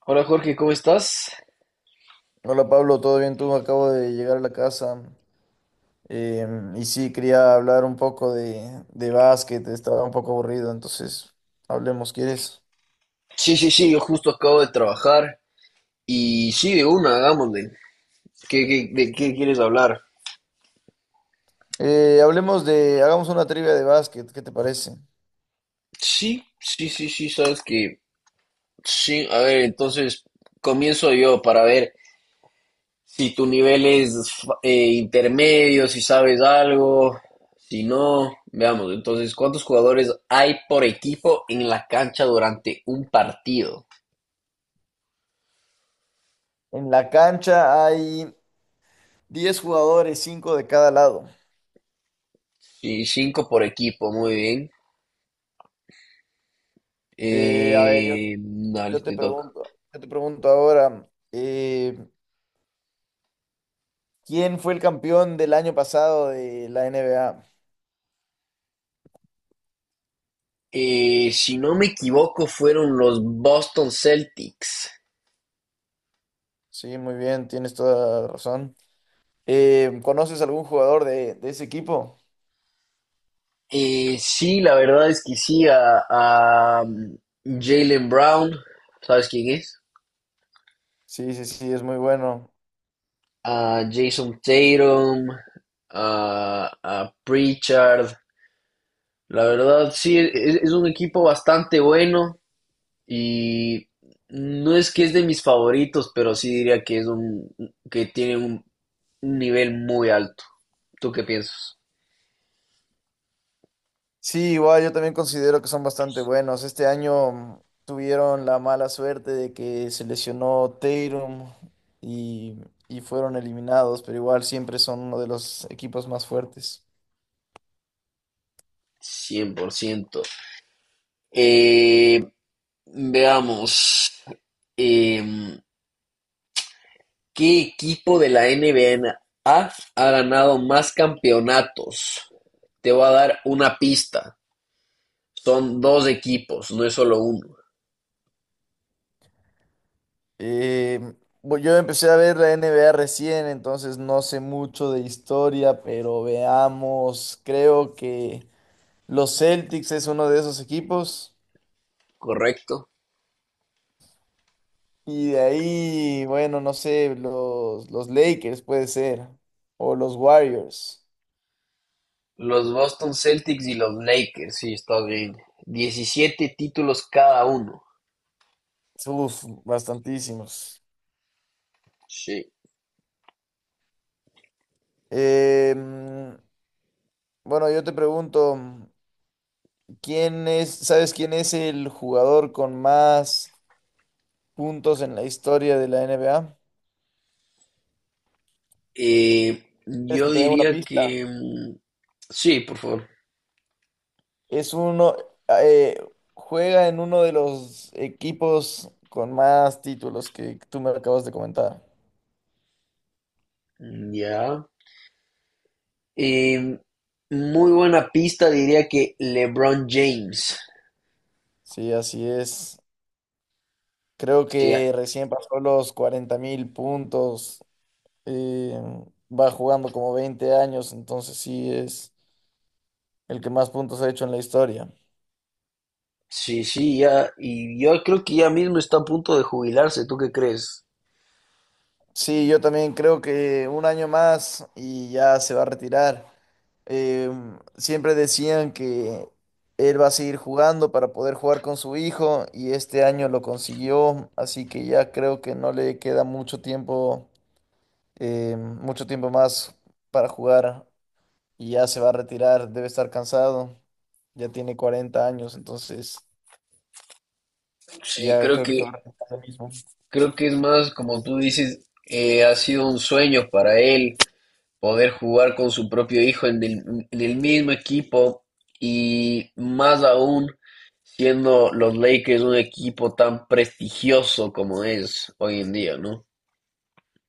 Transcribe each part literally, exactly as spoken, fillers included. Hola Jorge, ¿cómo estás? Hola Pablo, ¿todo bien tú? Acabo de llegar a la casa. eh, y sí, quería hablar un poco de, de básquet, estaba un poco aburrido, entonces hablemos, ¿quieres? Sí, sí, sí, yo justo acabo de trabajar y sí, de una, hagámosle. ¿Qué, qué- de qué quieres hablar? Eh, hablemos de, hagamos una trivia de básquet, ¿qué te parece? Sí, sí, sí, sí, sabes que sí. A ver, entonces comienzo yo para ver si tu nivel es fa- eh, intermedio, si sabes algo, si no, veamos. Entonces, ¿cuántos jugadores hay por equipo en la cancha durante un partido? En la cancha hay diez jugadores, cinco de cada lado. Sí, cinco por equipo, muy bien. Eh, a ver, yo, Eh, dale, yo te te toca. pregunto, yo te pregunto ahora, eh, ¿quién fue el campeón del año pasado de la N B A? Eh, si no me equivoco, fueron los Boston Celtics. Sí, muy bien, tienes toda la razón. Eh, ¿conoces algún jugador de, de ese equipo? Eh, sí, la verdad es que sí, a, a, um, Jalen Brown, ¿sabes quién es? Sí, sí, sí, es muy bueno. A Jason Tatum, a, a Pritchard. La verdad, sí, es, es un equipo bastante bueno y no es que es de mis favoritos, pero sí diría que es un que tiene un, un nivel muy alto. ¿Tú qué piensas? Sí, igual yo también considero que son bastante buenos. Este año mm, tuvieron la mala suerte de que se lesionó Tatum y, y fueron eliminados, pero igual siempre son uno de los equipos más fuertes. Cien por ciento. Eh, veamos. em, ¿Qué equipo de la N B A ha ganado más campeonatos? Te voy a dar una pista. Son dos equipos, no es solo uno, Eh, bu- yo empecé a ver la N B A recién, entonces no sé mucho de historia, pero veamos, creo que los Celtics es uno de esos equipos. ¿correcto? Y de ahí, bueno, no sé, los, los Lakers puede ser. O los Warriors. Los Boston Celtics y los Lakers, sí, está bien. Diecisiete títulos cada uno. Uf, bastantísimos. Sí. Em, bueno, yo te pregunto, ¿quién es, sabes quién es el jugador con más puntos en la historia de la N B A? Eh, ¿Quieres yo que te dé una diría pista? que... mm, sí, por favor. Es uno, ah, eh, juega en uno de los equipos con más títulos que tú me acabas de comentar. Ya. Eh, muy buena pista, diría que LeBron James. Sí, así es. Creo Sí, ya- que recién pasó los cuarenta mil puntos. eh, Va jugando como veinte años, entonces sí es el que más puntos ha hecho en la historia. sí, sí, ya. Y yo creo que ya mismo está a punto de jubilarse. ¿Tú qué crees? Sí, yo también creo que un año más y ya se va a retirar. Eh, Siempre decían que él va a seguir jugando para poder jugar con su hijo y este año lo consiguió, así que ya creo que no le queda mucho tiempo, eh, mucho tiempo más para jugar. Y ya se va a retirar, debe estar cansado, ya tiene cuarenta años, entonces Sí, ya creo creo que se va a que, retirar lo mismo. creo que es más, como tú dices, eh, ha sido un sueño para él poder jugar con su propio hijo en el, en el mismo equipo y más aún siendo los Lakers un equipo tan prestigioso como es hoy en día, ¿no?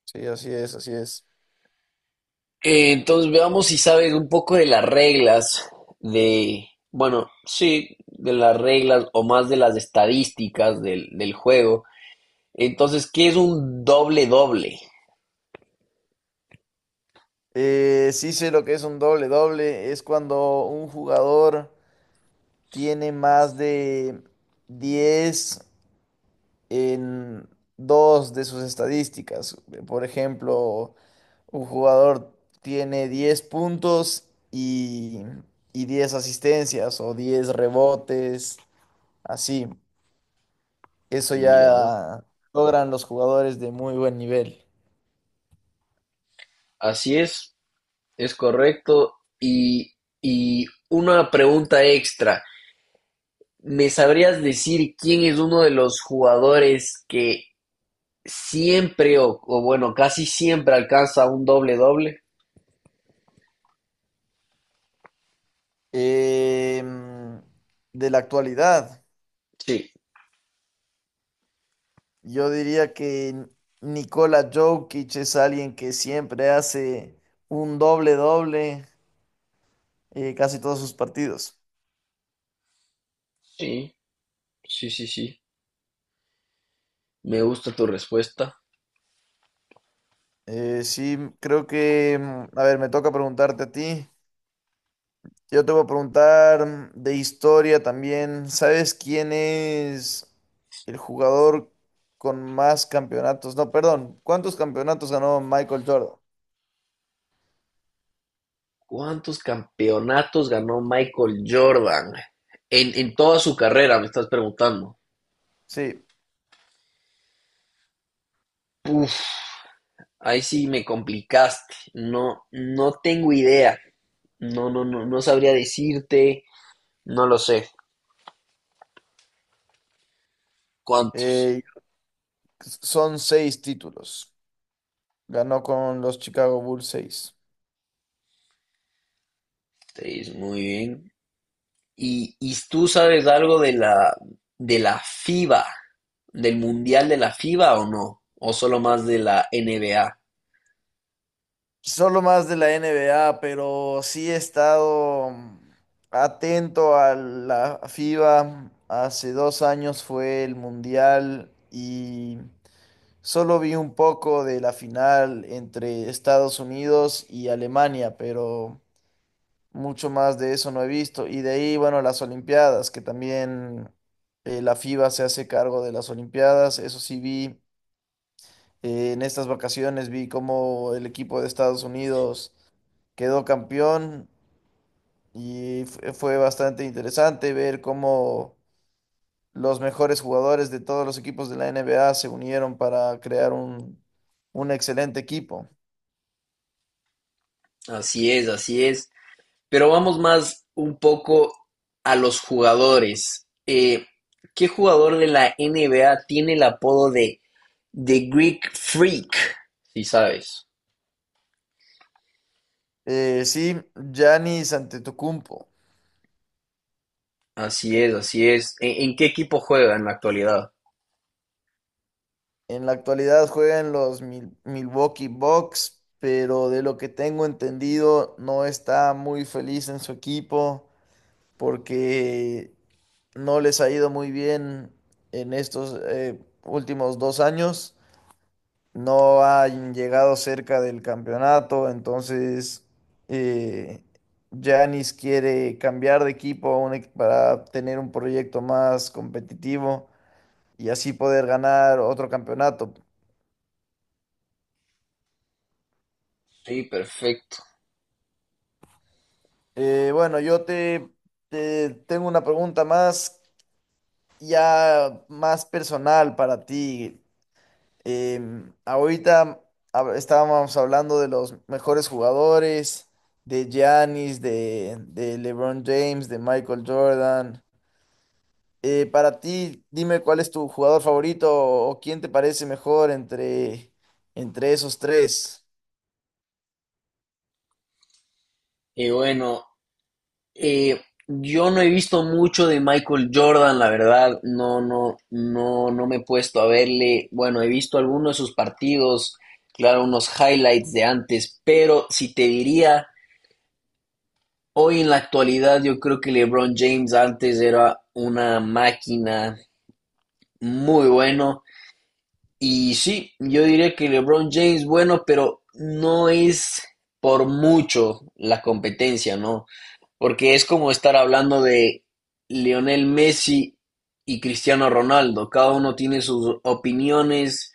Sí, así es, así es. Eh, entonces veamos si sabes un poco de las reglas de, bueno, sí, de las reglas o más de las estadísticas del, del juego. Entonces, ¿qué es un doble doble? Eh, sí sé lo que es un doble doble, es cuando un jugador tiene más de diez en dos de sus estadísticas. Por ejemplo, un jugador tiene diez puntos y, y diez asistencias o diez rebotes, así. Eso Ya, ya logran los jugadores de muy buen nivel. así es, es correcto. Y, y una pregunta extra. ¿Me sabrías decir quién es uno de los jugadores que siempre o, o bueno, casi siempre alcanza un doble doble? Em, de la actualidad, Sí, yo diría que Nikola Jokic es alguien que siempre hace un doble-doble eh, casi todos sus partidos. sí, sí, sí, sí. Me gusta tu respuesta. Eh, sí, creo que, mm, a ver, me toca preguntarte a ti. Yo te voy a preguntar de historia también. ¿Sabes quién es el jugador con más campeonatos? No, perdón. ¿Cuántos campeonatos ganó Michael Jordan? ¿Cuántos campeonatos ganó Michael Jordan? En, en toda su carrera, me estás preguntando. Sí, Uf, ahí sí me complicaste. No, no tengo idea. No, no, no, no sabría decirte. No lo sé. ¿Cuántos? eh, son seis títulos. Ganó con los Chicago Bulls seis. Seis, muy bien. ¿Y, y tú sabes algo de la, de la FIBA, del Mundial de la FIBA o no? ¿O solo más de la N B A? Solo más de la N B A, pero sí he estado atento a la FIBA. Hace dos años fue el Mundial y… Solo vi un poco de la final entre Estados Unidos y Alemania, pero mucho más de eso no he visto. Y de ahí, bueno, las Olimpiadas, que también eh, la FIBA se hace cargo de las Olimpiadas. Eso sí vi eh, en estas vacaciones, vi cómo el equipo de Estados Unidos quedó campeón y f- fue bastante interesante ver cómo los mejores jugadores de todos los equipos de la N B A se unieron para crear un, un excelente equipo. Así es, así es. Pero vamos más un poco a los jugadores. Eh, ¿qué jugador de la N B A tiene el apodo de The Greek Freak? Si sabes. Eh, sí, Giannis Antetokounmpo. Así es, así es. ¿En, en qué equipo juega en la actualidad? En la actualidad juega en los Mil- Milwaukee Bucks, pero de lo que tengo entendido no está muy feliz en su equipo porque no les ha ido muy bien en estos eh, últimos dos años. No han llegado cerca del campeonato, entonces eh, Giannis quiere cambiar de equipo a un equ- para tener un proyecto más competitivo. Y así poder ganar otro campeonato. Sí, perfecto. Eh, bueno, yo te, te tengo una pregunta más, ya más personal para ti. Em, ahorita hab- estábamos hablando de los mejores jugadores, de Giannis, de, de LeBron James, de Michael Jordan. Eh, para ti, dime cuál es tu jugador favorito o quién te parece mejor entre, entre esos tres. Y bueno, eh, yo no he visto mucho de Michael Jordan, la verdad. No, no, no, no me he puesto a verle. Bueno, he visto algunos de sus partidos, claro, unos highlights de antes, pero si te diría, hoy en la actualidad yo creo que LeBron James antes era una máquina, muy bueno. Y sí, yo diría que LeBron James, bueno, pero no es por mucho la competencia, ¿no? Porque es como estar hablando de Lionel Messi y Cristiano Ronaldo. Cada uno tiene sus opiniones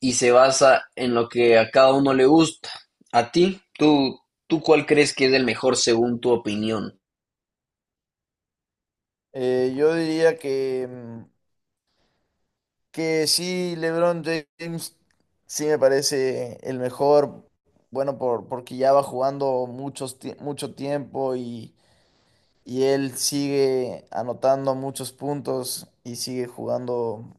y se basa en lo que a cada uno le gusta. A ti, tú, tú cuál crees que es el mejor según tu opinión. Eh, yo diría que mm, que sí, LeBron James sí me parece el mejor, bueno, por, porque ya va jugando muchos, tie- mucho tiempo y, y él sigue anotando muchos puntos y sigue jugando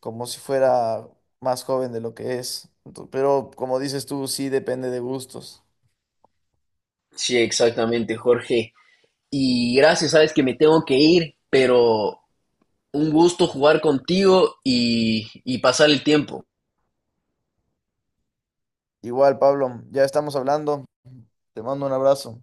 como si fuera más joven de lo que es. Ento- Pero como dices tú, sí depende de gustos. Sí, exactamente, Jorge. Y gracias, sabes que me tengo que ir, pero un gusto jugar contigo y, y pasar el tiempo. Igual, Pablo, ya estamos hablando. Te mando un abrazo.